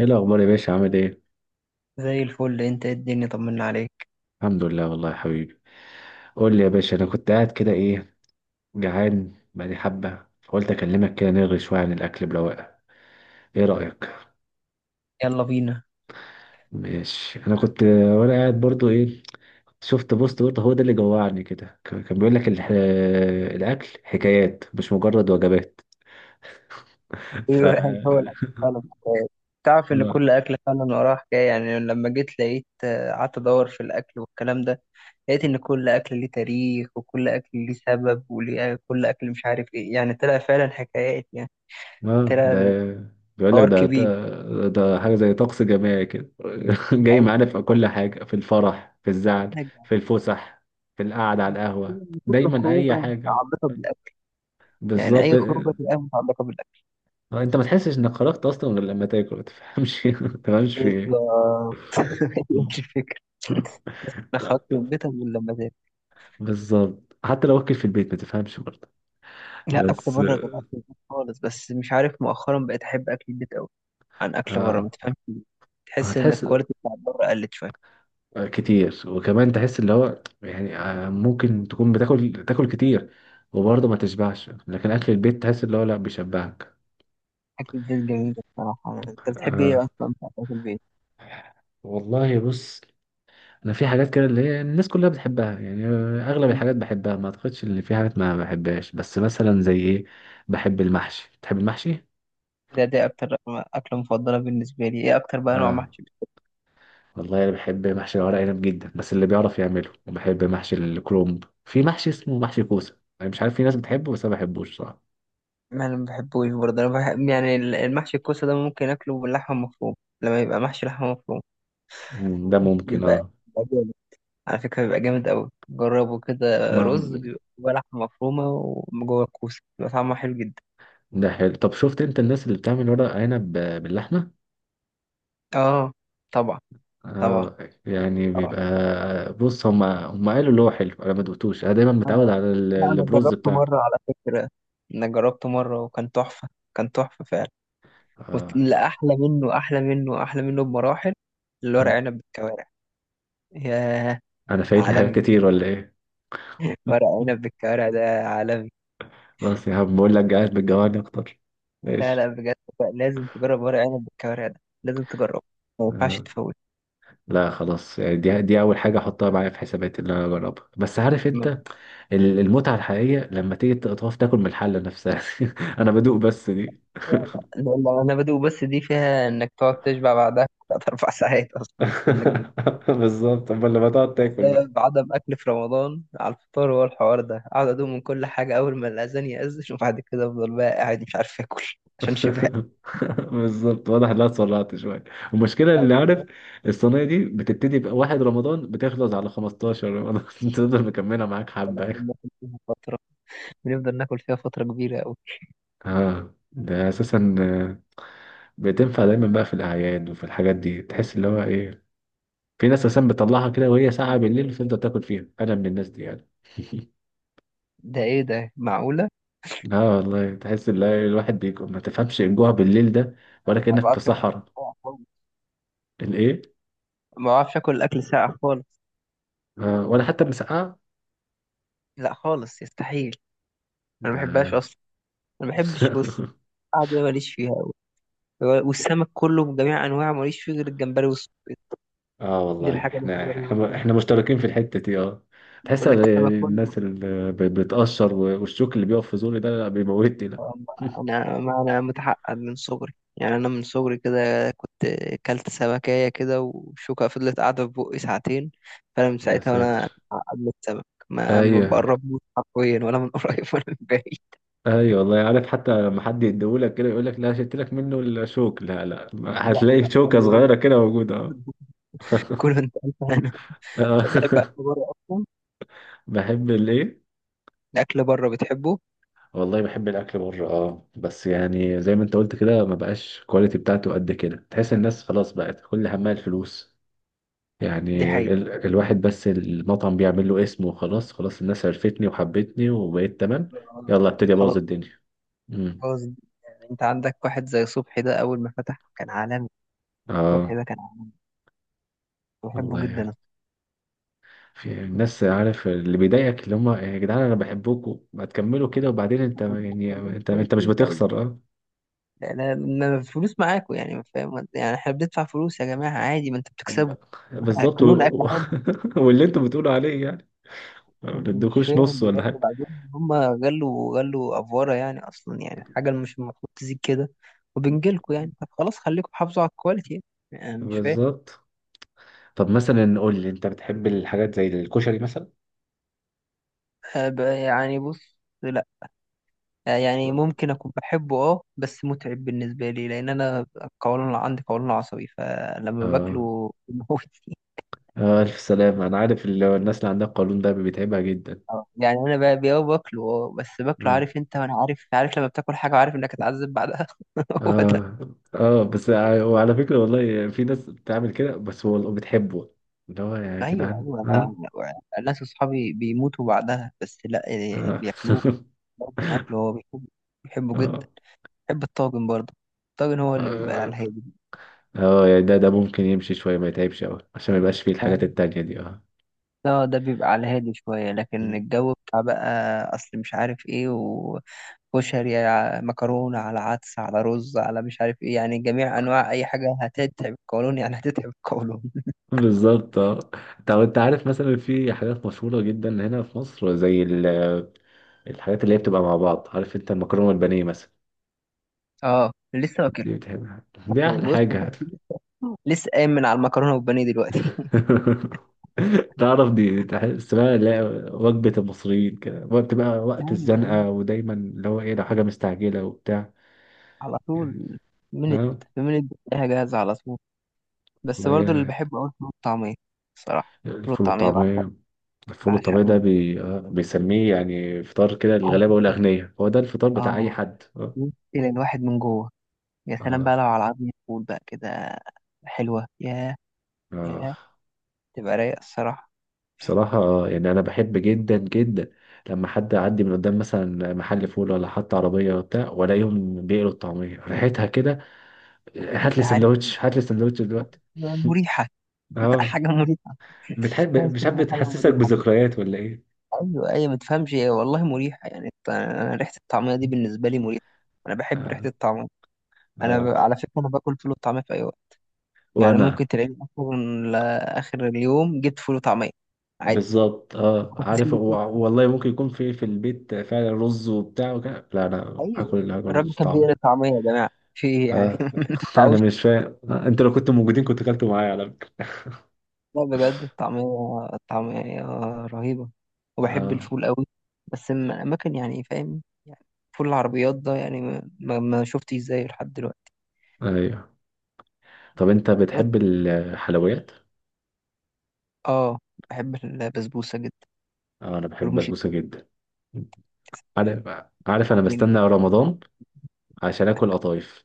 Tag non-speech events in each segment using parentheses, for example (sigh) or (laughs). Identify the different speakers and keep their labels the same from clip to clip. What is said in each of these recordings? Speaker 1: ايه الاخبار يا باشا؟ عامل ايه؟
Speaker 2: زي الفل. انت ايه؟ الدنيا طمنا عليك.
Speaker 1: الحمد لله والله يا حبيبي. قول لي يا باشا، انا كنت قاعد كده. ايه؟ جعان بقالي حبه، فقلت اكلمك كده نلغي شويه عن الاكل برواقه. ايه رايك؟
Speaker 2: يلا بينا.
Speaker 1: ماشي. انا كنت وانا قاعد برضو ايه؟ شفت بوست برضه، هو ده اللي جوعني كده. كان بيقول لك الاكل حكايات مش مجرد وجبات. (laughs) ف
Speaker 2: ايوه، يعني هو الاكل فعلا حكاية. تعرف ان كل
Speaker 1: (laughs)
Speaker 2: اكل فعلا وراه حكايه، يعني لما جيت لقيت قعدت ادور في الاكل والكلام ده. لقيت ان كل اكل ليه تاريخ وكل اكل ليه سبب وليه كل اكل، مش عارف ايه، يعني طلع فعلا حكايات، يعني
Speaker 1: اه، ده
Speaker 2: طلع
Speaker 1: بيقول لك
Speaker 2: الحوار
Speaker 1: ده
Speaker 2: كبير.
Speaker 1: ده حاجة زي طقس جماعي كده. (laughs) جاي
Speaker 2: ايوه،
Speaker 1: معانا في
Speaker 2: بالظبط.
Speaker 1: كل حاجة، في الفرح، في الزعل،
Speaker 2: حاجة.
Speaker 1: في الفسح، في القعدة على القهوة،
Speaker 2: كل
Speaker 1: دايما
Speaker 2: خروجه
Speaker 1: أي حاجة.
Speaker 2: متعلقه بالاكل، يعني
Speaker 1: بالظبط
Speaker 2: اي خروجه
Speaker 1: آه،
Speaker 2: تبقى متعلقه بالاكل
Speaker 1: انت ما تحسش انك خرجت اصلا غير لما تاكل، ما تفهمش (laughs) ما تفهمش في ايه.
Speaker 2: بالظبط. (laughs) هي
Speaker 1: مم.
Speaker 2: دي الفكره.
Speaker 1: (laughs)
Speaker 2: لا خرجت
Speaker 1: طب.
Speaker 2: من بيتك ولا مزاج.
Speaker 1: بالظبط، حتى لو اكل في البيت ما تفهمش برضه.
Speaker 2: لا، اكل
Speaker 1: بس
Speaker 2: بره غير اكل البيت خالص. بس مش عارف، مؤخرا بقيت احب اكل البيت قوي عن اكل بره،
Speaker 1: آه،
Speaker 2: ما تفهمش ليه. تحس ان
Speaker 1: هتحس
Speaker 2: الكواليتي بتاعت بره قلت شويه.
Speaker 1: كتير. وكمان تحس اللي هو يعني ممكن تكون بتاكل تاكل كتير وبرضه ما تشبعش، لكن اكل البيت تحس اللي هو لا، بيشبعك.
Speaker 2: اكل البيت جميل بصراحه. انت بتحب ايه
Speaker 1: آه
Speaker 2: اصلا بتاع اكل البيت؟
Speaker 1: والله، بص، انا في حاجات كده اللي هي الناس كلها بتحبها يعني اغلب
Speaker 2: مم.
Speaker 1: الحاجات بحبها، ما اعتقدش ان في حاجات ما بحبهاش. بس مثلا زي ايه؟ بحب المحشي. بتحب المحشي؟
Speaker 2: دي اكتر اكله مفضله بالنسبه لي. ايه اكتر بقى نوع
Speaker 1: اه
Speaker 2: محشي بتحبه؟
Speaker 1: والله، انا بحب محشي الورق عنب جدا، بس اللي بيعرف يعمله. وبحب محشي الكرومب. في محشي اسمه محشي كوسه، انا مش عارف، في ناس بتحبه بس انا ما بحبوش صراحه.
Speaker 2: ما انا ما بحبوش برضه. انا بحب يعني المحشي الكوسه ده، ممكن اكله باللحمه مفروم، لما يبقى محشي لحمه مفروم.
Speaker 1: مم، ده ممكن
Speaker 2: بيبقى
Speaker 1: اه.
Speaker 2: بيبقى جامد، على فكره بيبقى جامد قوي، جربه كده.
Speaker 1: ما
Speaker 2: رز بيبقى جواه لحمه مفرومه، وجوه الكوسه بيبقى طعمه حلو جدا.
Speaker 1: ده حلو. طب، شفت انت الناس اللي بتعمل ورق عنب باللحمه؟
Speaker 2: اه، طبعا. طبعا.
Speaker 1: اه، يعني
Speaker 2: طبعا.
Speaker 1: بيبقى، بص، هم قالوا اللي هو حلو، انا ما دوقتوش، انا دايما متعود
Speaker 2: آه.
Speaker 1: على
Speaker 2: لا، أنا
Speaker 1: البروز
Speaker 2: جربته
Speaker 1: بتاعنا.
Speaker 2: مرة على فكرة. انا جربته مرة وكان تحفة. كان تحفة فعلا.
Speaker 1: اه.
Speaker 2: لا، احلى منه احلى منه احلى منه بمراحل، الورق
Speaker 1: م.
Speaker 2: عنب بالكوارع. ياه،
Speaker 1: انا فايتني
Speaker 2: عالمي.
Speaker 1: حاجات كتير ولا ايه؟
Speaker 2: ورق عنب
Speaker 1: (laughs)
Speaker 2: بالكوارع ده عالمي.
Speaker 1: خلاص يا عم، بقول لك قاعد بتجوعني اكتر.
Speaker 2: لا
Speaker 1: ماشي.
Speaker 2: لا، بجد، بقى لازم تجرب ورق عنب بالكوارع ده، لازم تجربه، ما ينفعش
Speaker 1: آه.
Speaker 2: تفوت.
Speaker 1: لا خلاص، يعني دي اول حاجه احطها معايا في حساباتي اللي انا اجربها. بس عارف انت،
Speaker 2: من-
Speaker 1: المتعه الحقيقيه لما تيجي تقف تاكل من الحله نفسها. (laughs) انا بدوق بس دي.
Speaker 2: لا لا لا، انا بدو بس دي فيها انك تقعد تشبع بعدها 3 4 (laughs) ساعات، اصلا انك
Speaker 1: (laughs) بالظبط، امال لما تقعد تاكل بقى.
Speaker 2: بسبب عدم أكل في رمضان على الفطار هو الحوار ده، أقعد أدوم من كل حاجة أول ما الأذان يأذن. وبعد كده أفضل بقى قاعد مش عارف آكل (laughs) عشان شبع.
Speaker 1: (laughs) بالظبط، واضح انها اتسرعت شويه. المشكله، اللي
Speaker 2: أيوة،
Speaker 1: عارف، الصينيه دي بتبتدي بقى واحد رمضان، بتخلص على 15 رمضان. (laughs) تفضل مكمله معاك حبه.
Speaker 2: بناكل فيها فترة، بنفضل ناكل فيها فترة كبيرة أوي.
Speaker 1: اه، ده اساسا بتنفع دايما بقى في الاعياد وفي الحاجات دي. تحس اللي هو ايه، في ناس اساسا بتطلعها كده وهي ساعه بالليل وتفضل تاكل فيها. انا من الناس دي يعني.
Speaker 2: ده إيه ده، معقولة؟
Speaker 1: اه والله، تحس ان الواحد بيكون ما تفهمش الجوع بالليل ده، ولا
Speaker 2: ما
Speaker 1: كانك في
Speaker 2: بعرفش آكل أكل
Speaker 1: صحراء.
Speaker 2: ساقع خالص.
Speaker 1: الايه؟
Speaker 2: ما بعرفش آكل أكل ساقع خالص.
Speaker 1: ولا حتى مسقعه.
Speaker 2: لا خالص، يستحيل. أنا ما بحبهاش
Speaker 1: آه.
Speaker 2: أصلا. أنا ما بحبش،
Speaker 1: (laughs)
Speaker 2: بص، القعدة دي ماليش فيها أوي. والسمك كله بجميع أنواعه ماليش فيه غير الجمبري والصبيط.
Speaker 1: اه
Speaker 2: دي
Speaker 1: والله،
Speaker 2: الحاجة
Speaker 1: احنا
Speaker 2: الوحيدة اللي
Speaker 1: احنا
Speaker 2: ممكن.
Speaker 1: احنا مشتركين في الحتة دي. اه، تحس
Speaker 2: بقول
Speaker 1: إن
Speaker 2: لك السمك كله،
Speaker 1: الناس اللي بتقشر والشوك اللي بيقف في زوري ده، لا، بيموتني ده. (laughs)
Speaker 2: انا ما انا متعقد من صغري، يعني انا من صغري كده كنت كلت سمكية كده وشوكة فضلت قاعدة في بقي ساعتين. فانا من
Speaker 1: يا
Speaker 2: ساعتها وانا
Speaker 1: ساتر.
Speaker 2: متعقد من السمك، ما
Speaker 1: ايوه،
Speaker 2: بقربوش حرفيا، ولا من (laughs) قريب ولا من بعيد.
Speaker 1: ايوه والله عارف. حتى لما حد يديهولك كده يقول لك لا، شلت لك منه الشوك، لا، لا، (laughs)
Speaker 2: لا
Speaker 1: هتلاقي
Speaker 2: لا،
Speaker 1: شوكه
Speaker 2: خلي
Speaker 1: صغيره
Speaker 2: بالك.
Speaker 1: كده موجوده. اه.
Speaker 2: (laughs) كله. انت انا بتحب
Speaker 1: آه.
Speaker 2: هتاكل بره اصلا؟
Speaker 1: (laughs) بحب الايه؟
Speaker 2: الاكل بره بتحبه؟
Speaker 1: والله، بحب الاكل بره اه، بس يعني زي ما انت قلت كده، ما بقاش الكواليتي بتاعته قد كده. تحس الناس خلاص بقت كل همها الفلوس.
Speaker 2: دي
Speaker 1: يعني
Speaker 2: حقيقة.
Speaker 1: الواحد بس المطعم بيعمل له اسم وخلاص، خلاص الناس عرفتني وحبتني وبقيت تمام.
Speaker 2: آه.
Speaker 1: يلا، ابتدي ابوظ
Speaker 2: خلاص.
Speaker 1: الدنيا. امم
Speaker 2: خلاص. يعني انت عندك واحد زي صبحي، ده اول ما فتح كان عالمي. صبحي
Speaker 1: اه
Speaker 2: ده كان عالمي، بحبه
Speaker 1: والله
Speaker 2: جدا
Speaker 1: يعني.
Speaker 2: أنا.
Speaker 1: في الناس، عارف، اللي بيضايقك اللي هم يا جدعان انا بحبكم، ما تكملوا كده. وبعدين انت
Speaker 2: كنت
Speaker 1: يعني
Speaker 2: بقول لك
Speaker 1: انت مش
Speaker 2: كويسين طيب.
Speaker 1: بتخسر. اه،
Speaker 2: ما الفلوس معاكوا، يعني ما فاهم، يعني احنا بندفع فلوس يا جماعة عادي، ما انتوا بتكسبوا. (laughs)
Speaker 1: بالظبط.
Speaker 2: اكلون اكل حلو.
Speaker 1: (laughs) واللي انتوا بتقولوا عليه يعني ما
Speaker 2: يعني مش
Speaker 1: بتدوكوش
Speaker 2: فاهم
Speaker 1: نص ولا
Speaker 2: بجد.
Speaker 1: حاجه.
Speaker 2: بعدين هم غلوا غلوا افوارة يعني، اصلا يعني حاجة مش المفروض تزيد كده، وبنجيلكوا يعني، طب خلاص خليكم حافظوا على الكواليتي، يعني أنا مش فاهم.
Speaker 1: بالظبط. طب مثلا، قول لي، انت بتحب الحاجات زي الكشري مثلا؟
Speaker 2: أه، يعني بص لا. أه، يعني ممكن اكون بحبه اه، بس متعب بالنسبة لي، لان انا عندي قولون عصبي، فلما
Speaker 1: اه.
Speaker 2: باكله بيموتني.
Speaker 1: ألف سلامة. أنا عارف الناس اللي عندها القولون ده بيتعبها جدا.
Speaker 2: آه، يعني انا بقى باكله، بس باكله،
Speaker 1: آه.
Speaker 2: عارف انت؟ وانا عارف لما بتاكل حاجه وعارف انك هتعذب بعدها. (laughs) هو ده.
Speaker 1: آه. آه. بس آه، وعلى فكرة والله، في ناس بتعمل كده بس هو بتحبه. اللي هو يا
Speaker 2: ايوه
Speaker 1: جدعان،
Speaker 2: ايوه، انا.
Speaker 1: آه.
Speaker 2: أنا ناس اصحابي بيموتوا بعدها، بس لا، يعني
Speaker 1: آه.
Speaker 2: بياكلوه.
Speaker 1: (laughs)
Speaker 2: برضه انا اكله. هو بيحبه، بيحبه جدا.
Speaker 1: آه.
Speaker 2: بيحب الطاجن برضه. الطاجن هو اللي بيبقى على
Speaker 1: آه.
Speaker 2: الهادي.
Speaker 1: يعني ده ممكن يمشي شوية، ما يتعبش أوي عشان ما يبقاش فيه الحاجات
Speaker 2: فاهم؟
Speaker 1: التانية دي. آه.
Speaker 2: اه، ده بيبقى على الهادي شويه، لكن
Speaker 1: مم.
Speaker 2: الجو بتاع بقى، اصل مش عارف ايه، وكشري على مكرونه على عدس على رز على مش عارف ايه، يعني جميع انواع اي حاجه هتتعب القولون، يعني هتتعب القولون.
Speaker 1: بالظبط. اه، طب انت عارف، مثلا في حاجات مشهورة جدا هنا في مصر زي الحاجات اللي هي بتبقى مع بعض، عارف انت، المكرونة والبانيه مثلا.
Speaker 2: اه، لسه واكل.
Speaker 1: دي بتحبها، دي احلى
Speaker 2: بص،
Speaker 1: حاجة.
Speaker 2: (laughs) لسه قايم من على المكرونه والبانيه دلوقتي.
Speaker 1: (laughs) تعرف، دي تحس بقى، لا، وجبة المصريين كده، وقت بقى،
Speaker 2: (laughs)
Speaker 1: وقت
Speaker 2: ايوه ايوه،
Speaker 1: الزنقة. ودايما اللي هو ايه، لو حاجة مستعجلة وبتاع.
Speaker 2: على طول. من
Speaker 1: اه
Speaker 2: من الدنيا جاهزه على طول. بس
Speaker 1: والله
Speaker 2: برضو اللي بحبه قوي الفول والطعميه. الصراحه الفول
Speaker 1: الفول
Speaker 2: والطعميه بعشق،
Speaker 1: والطعمية. الفول والطعمية ده
Speaker 2: بعشقهم.
Speaker 1: بي... آه، بيسميه يعني فطار كده للغلابة والأغنياء، هو ده الفطار بتاع أي
Speaker 2: اه،
Speaker 1: حد. اه.
Speaker 2: بص، الى الواحد من جوه. يا سلام
Speaker 1: اه.
Speaker 2: بقى لو على عظم فول بقى كده، حلوه. يا
Speaker 1: آه.
Speaker 2: يا تبقى رايقه الصراحه.
Speaker 1: بصراحة يعني أنا بحب جدا جدا لما حد يعدي من قدام، مثلا محل فول ولا حتى عربية وبتاع، وألاقيهم بيقلوا الطعمية، ريحتها كده، هات
Speaker 2: انت
Speaker 1: لي
Speaker 2: عارف،
Speaker 1: سندوتش، هات لي سندوتش دلوقتي.
Speaker 2: مريحه.
Speaker 1: (laughs)
Speaker 2: (laughs)
Speaker 1: اه.
Speaker 2: حاجه مريحه. تحس
Speaker 1: بتحب، مش عارف،
Speaker 2: انها حاجه
Speaker 1: بتحسسك
Speaker 2: مريحه.
Speaker 1: بذكريات ولا ايه؟
Speaker 2: ايوه ايوه، ما تفهمش ايه، والله مريحه، يعني انا ريحه الطعميه دي بالنسبه لي مريحه. انا بحب ريحه
Speaker 1: اه.
Speaker 2: الطعميه.
Speaker 1: اه
Speaker 2: على فكره انا باكل فول وطعميه في اي وقت. يعني
Speaker 1: وانا.
Speaker 2: ممكن تلاقيني اصلا لاخر اليوم جبت فول وطعميه عادي.
Speaker 1: بالظبط، اه،
Speaker 2: (laughs)
Speaker 1: عارف والله ممكن يكون في البيت فعلا رز وبتاع وكده، لا، انا
Speaker 2: ايوه.
Speaker 1: هاكل
Speaker 2: الراجل
Speaker 1: رز
Speaker 2: كان بيقلي
Speaker 1: طعمه.
Speaker 2: الطعميه، يا جماعه في ايه يعني؟
Speaker 1: اه.
Speaker 2: (laughs) ما
Speaker 1: (laughs) انا
Speaker 2: ينفعوش.
Speaker 1: مش فاهم. انتوا لو كنتوا موجودين كنت اكلتوا معايا على فكره.
Speaker 2: لا بجد، الطعميه، الطعميه رهيبه. وبحب
Speaker 1: اه.
Speaker 2: الفول قوي بس من اماكن، يعني فاهم يعني، فول العربيات ده يعني ما شفتش زيه لحد دلوقتي.
Speaker 1: ايوه. طب انت بتحب الحلويات؟
Speaker 2: اه، بحب البسبوسة جدا.
Speaker 1: اه، انا بحب
Speaker 2: رموش
Speaker 1: البسبوسه جدا. عارف، عارف، انا
Speaker 2: التين.
Speaker 1: بستنى رمضان عشان اكل قطايف.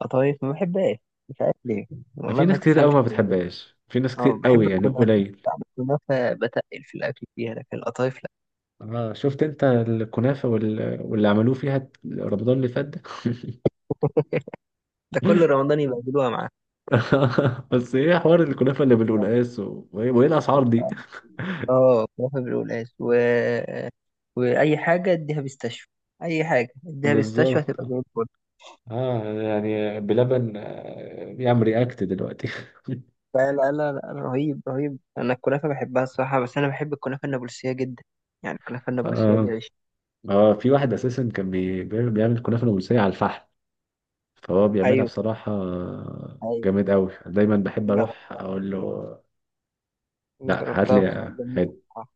Speaker 2: قطايف ما بحبهاش، مش عارف ليه. والله
Speaker 1: في
Speaker 2: ما
Speaker 1: ناس كتير قوي
Speaker 2: تفهمش
Speaker 1: ما
Speaker 2: الموضوع.
Speaker 1: بتحبهاش، في ناس كتير
Speaker 2: اه، بحب
Speaker 1: قوي يعني،
Speaker 2: الكنافة،
Speaker 1: قليل.
Speaker 2: بعد الكنافة بتقل في الأكل فيها، لكن القطايف لا.
Speaker 1: اه، شفت انت الكنافة واللي عملوه فيها رمضان اللي فات ده؟
Speaker 2: ده كل
Speaker 1: (laughs)
Speaker 2: رمضان يبقى معاه.
Speaker 1: (laughs) بس ايه حوار الكنافة اللي بالقلقاس، وإيه الاسعار دي.
Speaker 2: اه، كنافة بالقلقاس وأي حاجة اديها بيستشفى. أي حاجة
Speaker 1: (laughs)
Speaker 2: اديها بيستشفى
Speaker 1: بالظبط.
Speaker 2: هتبقى زي الفل.
Speaker 1: اه، يعني بلبن بيعمل رياكت دلوقتي.
Speaker 2: لا لا لا لا، رهيب رهيب. أنا الكنافة بحبها الصراحة، بس أنا بحب الكنافة النابلسية جدا. يعني الكنافة النابلسية دي
Speaker 1: اه.
Speaker 2: عيش.
Speaker 1: اه، في واحد اساسا كان بيعمل كنافة نابلسية على الفحم، فهو بيعملها
Speaker 2: أيوه
Speaker 1: بصراحة
Speaker 2: أيوه.
Speaker 1: جامد قوي. دايما بحب
Speaker 2: جر-
Speaker 1: اروح اقول له، لا، هات
Speaker 2: جربتها
Speaker 1: لي،
Speaker 2: وكانت
Speaker 1: هات
Speaker 2: جميلة بصراحة.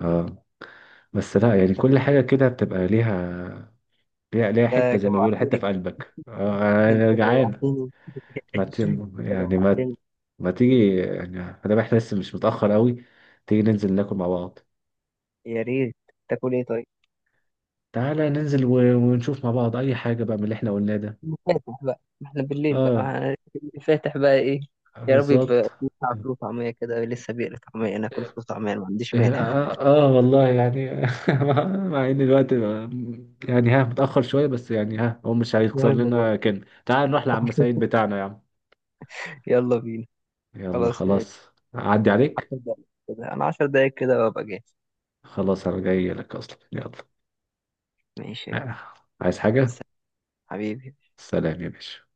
Speaker 1: اه. بس لا، يعني
Speaker 2: طب
Speaker 1: كل حاجة كده بتبقى ليها، ليها حتة،
Speaker 2: انت
Speaker 1: زي ما بيقولوا، حتة
Speaker 2: جوعتني.
Speaker 1: في قلبك آه.
Speaker 2: انت
Speaker 1: أنا جعان.
Speaker 2: جوعتني. (laughs)
Speaker 1: ما
Speaker 2: انت
Speaker 1: ت... يعني ما
Speaker 2: جوعتني.
Speaker 1: ما تيجي يعني، ما دام احنا لسه مش متأخر قوي، تيجي ننزل ناكل مع بعض.
Speaker 2: يا ريت. تاكل ايه طيب؟
Speaker 1: تعالى ننزل ونشوف مع بعض أي حاجة بقى من اللي احنا قلناه ده.
Speaker 2: فاتح بقى، ما احنا بالليل
Speaker 1: اه،
Speaker 2: بقى. فاتح بقى ايه. يا رب يبقى
Speaker 1: بالظبط.
Speaker 2: بتاع فول طعمية كده، لسه بيقلي طعمية، ناكل فول طعمية، أنا ما عنديش
Speaker 1: إيه،
Speaker 2: مانع.
Speaker 1: آه، اه والله يعني (laughs) مع ان الوقت يعني، ها، متأخر شوية، بس يعني، ها، هو مش هيخسر
Speaker 2: المهم برضه،
Speaker 1: لنا كان، تعال نروح لعم سعيد بتاعنا يا عم.
Speaker 2: يلا بينا.
Speaker 1: يلا
Speaker 2: خلاص يا
Speaker 1: خلاص.
Speaker 2: بيه.
Speaker 1: أعدي عليك
Speaker 2: 10 دقايق كده، انا 10 دقايق كده وابقى جاهز.
Speaker 1: خلاص، أنا جاي لك أصلا. يلا.
Speaker 2: ماشي يا
Speaker 1: آه،
Speaker 2: كبير.
Speaker 1: عايز حاجة؟
Speaker 2: سلام حبيبي.
Speaker 1: سلام يا باشا.